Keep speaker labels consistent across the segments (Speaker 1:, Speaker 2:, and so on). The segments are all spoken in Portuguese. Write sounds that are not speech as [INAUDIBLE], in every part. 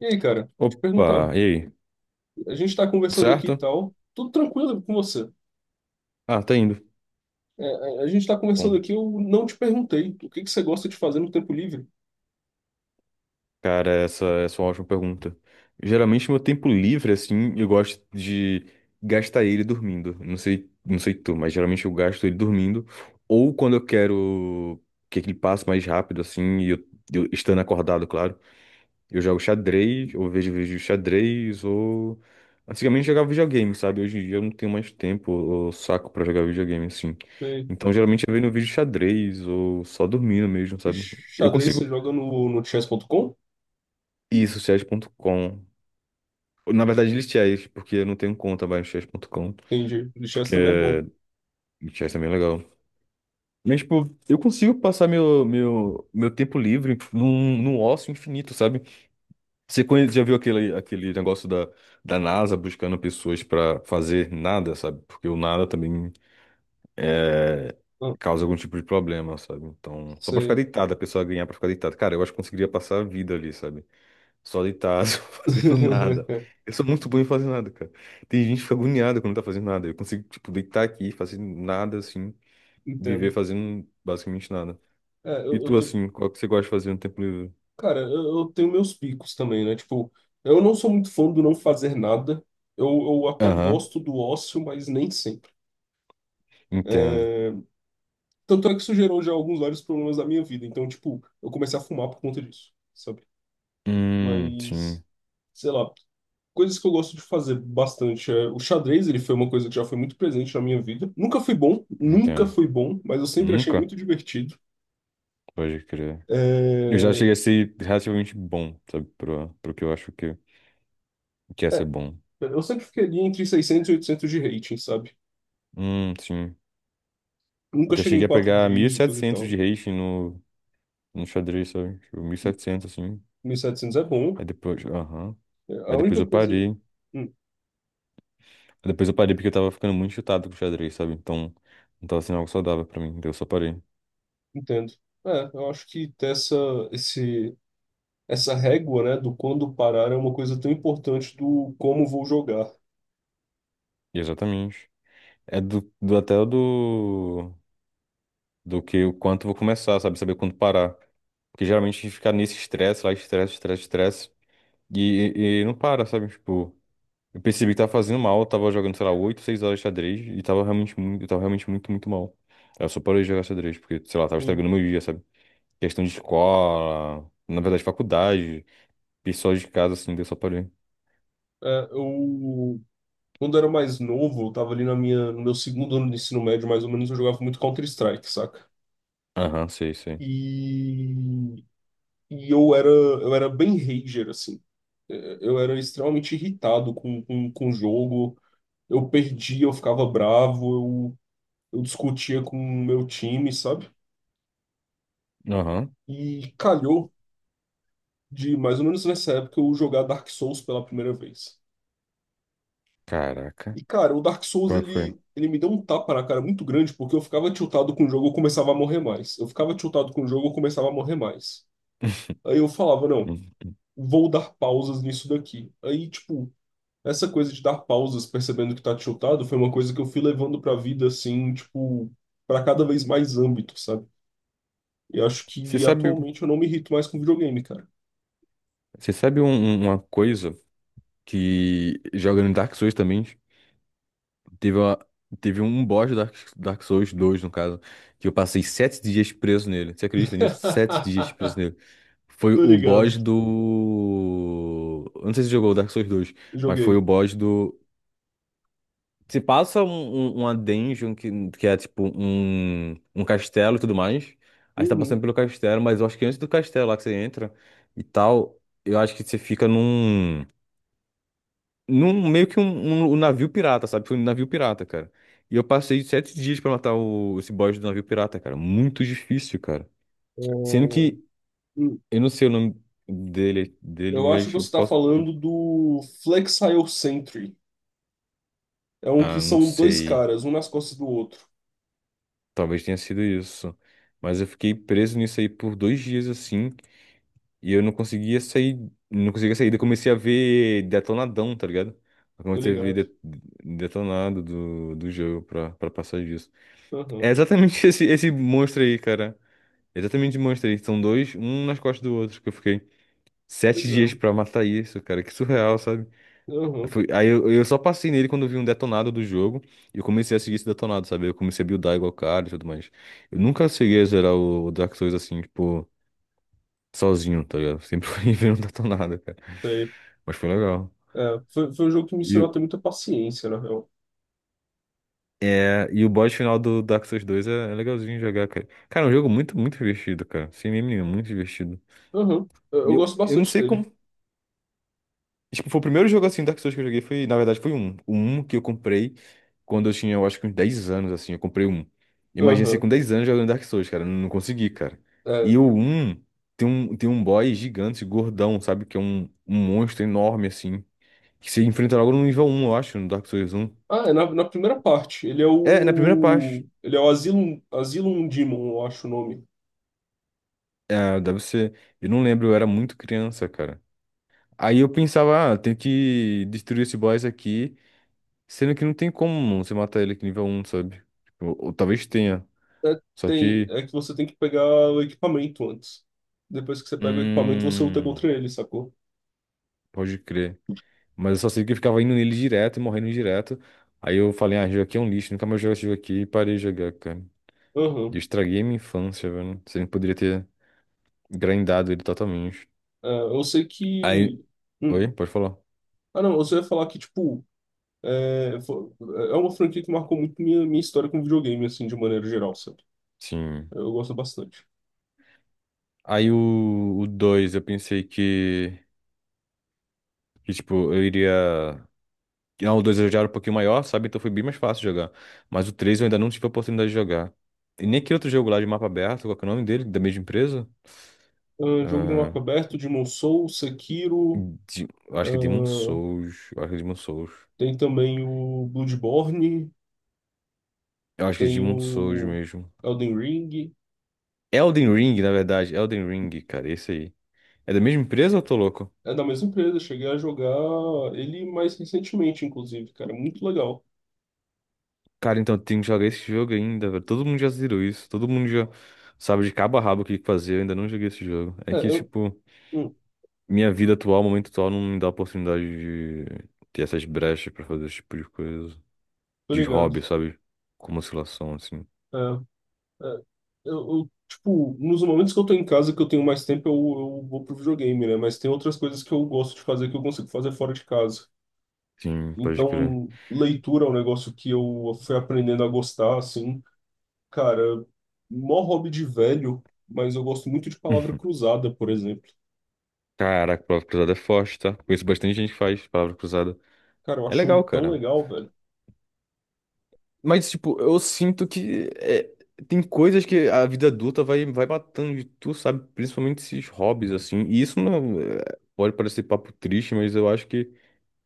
Speaker 1: E aí, cara, te perguntar,
Speaker 2: Opa, e aí?
Speaker 1: a gente tá
Speaker 2: Tudo
Speaker 1: conversando aqui e
Speaker 2: certo?
Speaker 1: tal, tudo tranquilo com você.
Speaker 2: Ah, tá indo.
Speaker 1: A gente tá conversando
Speaker 2: Bom,
Speaker 1: aqui, eu não te perguntei o que que você gosta de fazer no tempo livre.
Speaker 2: cara, essa é uma ótima pergunta. Geralmente, meu tempo livre, assim, eu gosto de gastar ele dormindo. Não sei, não sei tu, mas geralmente eu gasto ele dormindo. Ou quando eu quero que ele passe mais rápido, assim, e eu estando acordado, claro. Eu jogo xadrez, ou vejo vídeo de xadrez, ou. Antigamente eu jogava videogame, sabe? Hoje em dia eu não tenho mais tempo ou saco pra jogar videogame assim.
Speaker 1: Você-
Speaker 2: Então geralmente eu vejo no vídeo de xadrez, ou só dormindo mesmo, sabe? Eu
Speaker 1: xadrez você
Speaker 2: consigo.
Speaker 1: joga no chess.com?
Speaker 2: Isso, chess.com. Na verdade, ele chess, porque eu não tenho conta mais no chess.com.
Speaker 1: Entendi. De chess também é bom.
Speaker 2: Porque chess é bem legal. Mas, tipo, eu consigo passar meu tempo livre num ócio infinito, sabe? Você já viu aquele negócio da NASA buscando pessoas pra fazer nada, sabe? Porque o nada também é,
Speaker 1: Ah,
Speaker 2: causa algum tipo de problema, sabe? Então, só pra ficar
Speaker 1: sei.
Speaker 2: deitado, a pessoa ganhar pra ficar deitada. Cara, eu acho que conseguiria passar a vida ali, sabe? Só deitado, [LAUGHS] só fazendo nada.
Speaker 1: [LAUGHS]
Speaker 2: Eu sou muito bom em fazer nada, cara. Tem gente que fica agoniada quando não tá fazendo nada. Eu consigo, tipo, deitar aqui, fazer nada, assim, viver
Speaker 1: Entendo.
Speaker 2: fazendo basicamente nada.
Speaker 1: É,
Speaker 2: E
Speaker 1: eu
Speaker 2: tu,
Speaker 1: tenho,
Speaker 2: assim, qual que você gosta de fazer no tempo livre?
Speaker 1: cara, eu tenho meus picos também, né? Tipo, eu não sou muito fã do não fazer nada. Eu até
Speaker 2: Aham,
Speaker 1: gosto do ócio, mas nem sempre.
Speaker 2: entendo.
Speaker 1: É, tanto é que isso gerou já alguns vários problemas da minha vida. Então, tipo, eu comecei a fumar por conta disso, sabe? Mas,
Speaker 2: Sim,
Speaker 1: sei lá, coisas que eu gosto de fazer bastante. É, o xadrez, ele foi uma coisa que já foi muito presente na minha vida. Nunca fui bom, nunca
Speaker 2: entendo.
Speaker 1: fui bom, mas eu sempre achei
Speaker 2: Nunca?
Speaker 1: muito divertido.
Speaker 2: Pode crer. Eu já
Speaker 1: É,
Speaker 2: cheguei a ser relativamente bom, sabe? Pro que eu acho que é ser
Speaker 1: é,
Speaker 2: bom.
Speaker 1: eu sempre fiquei ali entre 600 e 800 de rating, sabe?
Speaker 2: Sim.
Speaker 1: Nunca
Speaker 2: Já
Speaker 1: cheguei em
Speaker 2: cheguei a
Speaker 1: quatro
Speaker 2: pegar mil e
Speaker 1: dígitos e
Speaker 2: setecentos
Speaker 1: tal.
Speaker 2: de rating no xadrez, sabe? Tipo, 1.700 assim.
Speaker 1: Mil e setecentos é bom.
Speaker 2: Aí depois, aham.
Speaker 1: É,
Speaker 2: Aí
Speaker 1: a
Speaker 2: depois
Speaker 1: única
Speaker 2: eu
Speaker 1: coisa...
Speaker 2: parei. Aí
Speaker 1: Hum,
Speaker 2: depois eu parei porque eu tava ficando muito chutado com o xadrez, sabe? Então, não tava sendo algo saudável pra mim. Daí eu só parei.
Speaker 1: entendo. É, eu acho que ter essa, esse, essa régua, né, do quando parar é uma coisa tão importante do como vou jogar.
Speaker 2: E exatamente. É do até o do... Do que o quanto eu vou começar, sabe? Saber quando parar. Porque geralmente a gente fica nesse estresse lá, estresse, estresse, estresse. E, e não para, sabe? Tipo, eu percebi que tava fazendo mal, eu tava jogando, sei lá, 8 6 horas de xadrez e tava realmente muito, eu tava realmente muito, muito mal. Aí eu só parei de jogar xadrez, porque, sei lá, tava
Speaker 1: Sim,
Speaker 2: estragando meu dia, sabe? Questão de escola, na verdade, faculdade, pessoal de casa, assim, daí eu só parei.
Speaker 1: é, eu quando era mais novo, eu tava ali na minha no meu segundo ano de ensino médio, mais ou menos, eu jogava muito Counter-Strike, saca?
Speaker 2: Aham, sei, sei.
Speaker 1: E e eu era bem rager assim. É, eu era extremamente irritado com o jogo. Eu perdia, eu ficava bravo, eu discutia com o meu time, sabe?
Speaker 2: Aham,
Speaker 1: E calhou de mais ou menos nessa época eu jogar Dark Souls pela primeira vez.
Speaker 2: caraca.
Speaker 1: E, cara, o Dark Souls,
Speaker 2: Como é que foi?
Speaker 1: ele me deu um tapa na cara muito grande, porque eu ficava tiltado com o jogo, eu começava a morrer mais. Eu ficava tiltado com o jogo, eu começava a morrer mais.
Speaker 2: [LAUGHS]
Speaker 1: Aí eu falava, não,
Speaker 2: Hum.
Speaker 1: vou dar pausas nisso daqui. Aí, tipo, essa coisa de dar pausas percebendo que tá tiltado foi uma coisa que eu fui levando pra vida, assim, tipo, pra cada vez mais âmbito, sabe? E acho
Speaker 2: Você
Speaker 1: que
Speaker 2: sabe,
Speaker 1: atualmente eu não me irrito mais com videogame, cara.
Speaker 2: você sabe uma coisa que jogando Dark Souls também. Teve, uma, teve um boss do Dark Souls dois no caso, que eu passei 7 dias preso nele. Você acredita nisso? 7 dias preso
Speaker 1: [LAUGHS]
Speaker 2: nele. Foi
Speaker 1: Tô
Speaker 2: o
Speaker 1: ligado,
Speaker 2: boss do. Eu não sei se você jogou o Dark Souls dois, mas foi
Speaker 1: joguei.
Speaker 2: o boss do. Você passa uma dungeon que é tipo um castelo e tudo mais. Aí você tá
Speaker 1: Uhum.
Speaker 2: passando pelo castelo, mas eu acho que antes do castelo lá que você entra e tal, eu acho que você fica num meio que um navio pirata, sabe? Foi um navio pirata, cara. E eu passei 7 dias pra matar esse boss do navio pirata, cara. Muito difícil, cara.
Speaker 1: É,
Speaker 2: Sendo que
Speaker 1: hum.
Speaker 2: eu não sei o nome dele,
Speaker 1: eu acho que
Speaker 2: mas eu
Speaker 1: você está
Speaker 2: posso.
Speaker 1: falando do Flexile Sentry. É um que
Speaker 2: Ah, não
Speaker 1: são dois
Speaker 2: sei.
Speaker 1: caras, um nas costas do outro.
Speaker 2: Talvez tenha sido isso. Mas eu fiquei preso nisso aí por 2 dias assim. E eu não conseguia sair. Não conseguia sair. Daí eu comecei a ver detonadão, tá ligado? Eu
Speaker 1: Tô
Speaker 2: comecei a ver
Speaker 1: ligado.
Speaker 2: detonado do jogo pra passar disso. É
Speaker 1: Aham.
Speaker 2: exatamente [LAUGHS] esse monstro aí, cara. Exatamente de Monster Inc. São dois, um nas costas do outro, que eu fiquei sete
Speaker 1: Pois
Speaker 2: dias
Speaker 1: é.
Speaker 2: pra matar isso, cara. Que surreal, sabe? Aí
Speaker 1: Aham.
Speaker 2: foi- aí eu, eu só passei nele quando eu vi um detonado do jogo e eu comecei a seguir esse detonado, sabe? Eu comecei a buildar igual o cara e tudo mais. Eu nunca cheguei a zerar o Dark Souls assim, tipo, sozinho, tá ligado? Sempre [LAUGHS] fui vendo um detonado, cara.
Speaker 1: Sei.
Speaker 2: Mas foi legal.
Speaker 1: É, foi, foi um jogo que me
Speaker 2: E,
Speaker 1: ensinou a ter
Speaker 2: o-
Speaker 1: muita paciência, na real.
Speaker 2: e o boss final do Dark Souls dois é legalzinho jogar, cara. Cara, é um jogo muito, muito divertido, cara. Sem meme nenhum, muito divertido.
Speaker 1: Aham.
Speaker 2: E
Speaker 1: Eu
Speaker 2: eu,
Speaker 1: gosto
Speaker 2: eu não
Speaker 1: bastante
Speaker 2: sei
Speaker 1: dele.
Speaker 2: como. Tipo, foi o primeiro jogo assim Dark Souls que eu joguei foi, na verdade, foi um. O um que eu comprei quando eu tinha, eu acho que uns 10 anos, assim, eu comprei um. Imagina se
Speaker 1: Aham.
Speaker 2: com 10 anos jogando Dark Souls, cara. Eu não consegui, cara.
Speaker 1: É.
Speaker 2: E o um tem um, boss gigante, gordão, sabe? Que é um monstro enorme, assim. Que você enfrenta logo no nível um, eu acho, no Dark Souls um.
Speaker 1: Ah, é na, na primeira parte. Ele é
Speaker 2: É, na primeira
Speaker 1: o.
Speaker 2: parte.
Speaker 1: Ele é o Asylum, Asylum Demon, eu acho o nome.
Speaker 2: É, deve ser. Eu não lembro, eu era muito criança, cara. Aí eu pensava, ah, tenho que destruir esse boss aqui. Sendo que não tem como você matar ele com nível um, sabe? Tipo, ou, talvez tenha.
Speaker 1: É,
Speaker 2: Só
Speaker 1: tem,
Speaker 2: que.
Speaker 1: é que você tem que pegar o equipamento antes. Depois que você pega o equipamento, você luta
Speaker 2: Hum.
Speaker 1: contra ele, sacou?
Speaker 2: Pode crer. Mas eu só sei que eu ficava indo nele direto e morrendo direto. Aí eu falei, ah, esse jogo aqui é um lixo, nunca mais jogo esse jogo aqui e parei de jogar, cara. E eu
Speaker 1: Aham.
Speaker 2: estraguei minha infância, velho. Você poderia ter grindado ele totalmente.
Speaker 1: É, eu sei
Speaker 2: Aí.
Speaker 1: que. hum,
Speaker 2: Oi? Pode falar?
Speaker 1: Ah, não, você ia falar que, tipo, é, fo- é uma franquia que marcou muito minha, minha história com videogame, assim, de maneira geral, sabe?
Speaker 2: Sim.
Speaker 1: Eu gosto bastante.
Speaker 2: Aí 2 eu pensei que. Que, tipo, eu iria. Não, o 2 eu já era um pouquinho maior, sabe? Então foi bem mais fácil jogar. Mas o 3 eu ainda não tive a oportunidade de jogar. E nem aquele outro jogo lá de mapa aberto, qual que é o nome dele? Da mesma empresa?
Speaker 1: Ah, jogo de
Speaker 2: Ah,
Speaker 1: mapa aberto, Demon Souls, Sekiro,
Speaker 2: Eu acho que é Demon
Speaker 1: ah,
Speaker 2: Souls. Eu acho que é Demon Souls.
Speaker 1: tem também o Bloodborne,
Speaker 2: Eu acho que é
Speaker 1: tem
Speaker 2: Demon Souls
Speaker 1: o
Speaker 2: mesmo.
Speaker 1: Elden Ring.
Speaker 2: Elden Ring, na verdade. Elden Ring, cara, esse aí. É da mesma empresa ou eu tô louco?
Speaker 1: É da mesma empresa, cheguei a jogar ele mais recentemente, inclusive, cara, muito legal.
Speaker 2: Cara, então eu tenho que jogar esse jogo ainda, velho. Todo mundo já zerou isso. Todo mundo já sabe de cabo a rabo o que fazer. Eu ainda não joguei esse jogo. É
Speaker 1: É,
Speaker 2: que,
Speaker 1: eu,
Speaker 2: tipo.
Speaker 1: hum,
Speaker 2: Minha vida atual, momento atual, não me dá a oportunidade de ter essas brechas pra fazer esse tipo de coisa.
Speaker 1: tô
Speaker 2: De
Speaker 1: ligado.
Speaker 2: hobby, sabe? Como oscilação, assim.
Speaker 1: É, é, eu, tipo, nos momentos que eu tô em casa, que eu tenho mais tempo, eu vou pro videogame, né? Mas tem outras coisas que eu gosto de fazer que eu consigo fazer fora de casa.
Speaker 2: Sim, pode crer.
Speaker 1: Então, leitura é um negócio que eu fui aprendendo a gostar, assim. Cara, mó hobby de velho, mas eu gosto muito de palavra cruzada, por exemplo.
Speaker 2: Caraca, palavra cruzada é forte, tá? Conheço bastante gente que faz palavra cruzada.
Speaker 1: Cara, eu
Speaker 2: É
Speaker 1: acho
Speaker 2: legal,
Speaker 1: tão
Speaker 2: cara.
Speaker 1: legal, velho.
Speaker 2: Mas, tipo, eu sinto que é, tem coisas que a vida adulta vai, vai matando de tu, sabe? Principalmente esses hobbies, assim. E isso não é- pode parecer papo triste, mas eu acho que.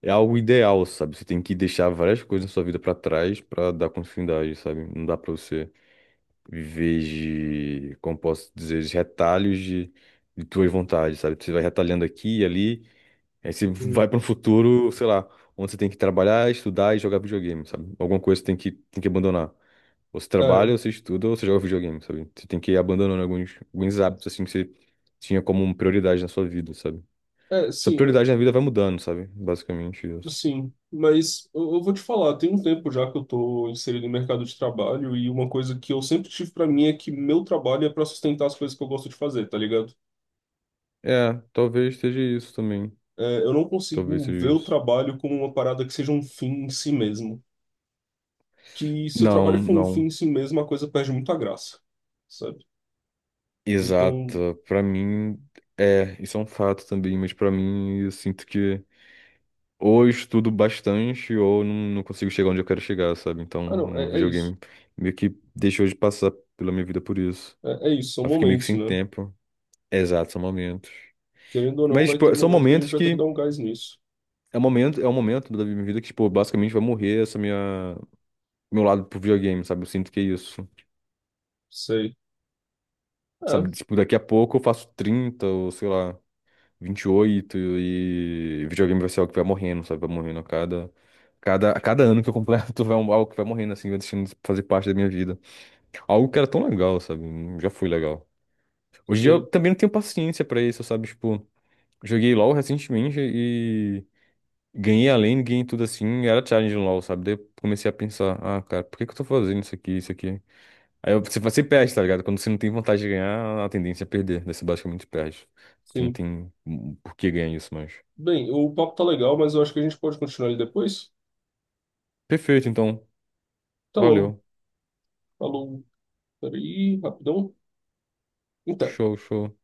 Speaker 2: É algo ideal, sabe? Você tem que deixar várias coisas na sua vida pra trás pra dar continuidade, sabe? Não dá pra você viver de, como posso dizer, de retalhos de tuas vontades, sabe? Você vai retalhando aqui e ali, aí você
Speaker 1: Hum.
Speaker 2: vai pra um futuro, sei lá, onde você tem que trabalhar, estudar e jogar videogame, sabe? Alguma coisa você tem que abandonar. Ou você
Speaker 1: É,
Speaker 2: trabalha, ou você estuda, ou você joga videogame, sabe? Você tem que ir abandonando alguns hábitos, assim, que você tinha como prioridade na sua vida, sabe?
Speaker 1: é,
Speaker 2: Essa
Speaker 1: sim.
Speaker 2: prioridade na vida vai mudando, sabe? Basicamente isso.
Speaker 1: Sim, mas eu vou te falar, tem um tempo já que eu tô inserido no mercado de trabalho e uma coisa que eu sempre tive pra mim é que meu trabalho é pra sustentar as coisas que eu gosto de fazer, tá ligado?
Speaker 2: É, talvez seja isso também.
Speaker 1: É, eu não
Speaker 2: Talvez
Speaker 1: consigo ver
Speaker 2: seja
Speaker 1: o
Speaker 2: isso.
Speaker 1: trabalho como uma parada que seja um fim em si mesmo. Que se o trabalho
Speaker 2: Não,
Speaker 1: for um fim
Speaker 2: não.
Speaker 1: em si mesmo, a coisa perde muita graça, sabe? Então,
Speaker 2: Exato. Pra mim, é, isso é um fato também, mas pra mim, eu sinto que ou eu estudo bastante ou não, não consigo chegar onde eu quero chegar, sabe?
Speaker 1: ah não,
Speaker 2: Então, o
Speaker 1: é, é isso.
Speaker 2: videogame meio que deixou de passar pela minha vida por isso.
Speaker 1: É, é isso, são
Speaker 2: Eu fiquei meio que
Speaker 1: momentos,
Speaker 2: sem
Speaker 1: né?
Speaker 2: tempo. Exato, são momentos.
Speaker 1: Querendo ou não,
Speaker 2: Mas,
Speaker 1: vai ter
Speaker 2: tipo, são
Speaker 1: momento que a gente
Speaker 2: momentos
Speaker 1: vai ter que
Speaker 2: que.
Speaker 1: dar um gás nisso.
Speaker 2: É um momento da minha vida que, tipo, basicamente vai morrer essa minha, meu lado pro videogame, sabe? Eu sinto que é isso.
Speaker 1: Sei.
Speaker 2: Sabe,
Speaker 1: É,
Speaker 2: tipo, daqui a pouco eu faço 30 ou sei lá, 28, e videogame vai ser algo que vai morrendo, sabe? Vai morrendo a cada ano que eu completo, [LAUGHS] vai algo que vai morrendo, assim, vai deixando de fazer parte da minha vida. Algo que era tão legal, sabe? Já foi legal. Hoje em dia eu
Speaker 1: sei.
Speaker 2: também não tenho paciência pra isso, sabe? Tipo, joguei LoL recentemente e ganhei a lane, ganhei tudo assim, era challenge no LoL, sabe? Daí eu comecei a pensar, ah, cara, por que que eu tô fazendo isso aqui, isso aqui? Aí você perde, tá ligado? Quando você não tem vontade de ganhar, a tendência é perder. Daí você basicamente perde. Porque não
Speaker 1: Sim.
Speaker 2: tem por que ganhar isso mais.
Speaker 1: Bem, o papo tá legal, mas eu acho que a gente pode continuar ele depois.
Speaker 2: Perfeito, então.
Speaker 1: Até logo.
Speaker 2: Valeu.
Speaker 1: Falou. Peraí, rapidão. Então.
Speaker 2: Show, show.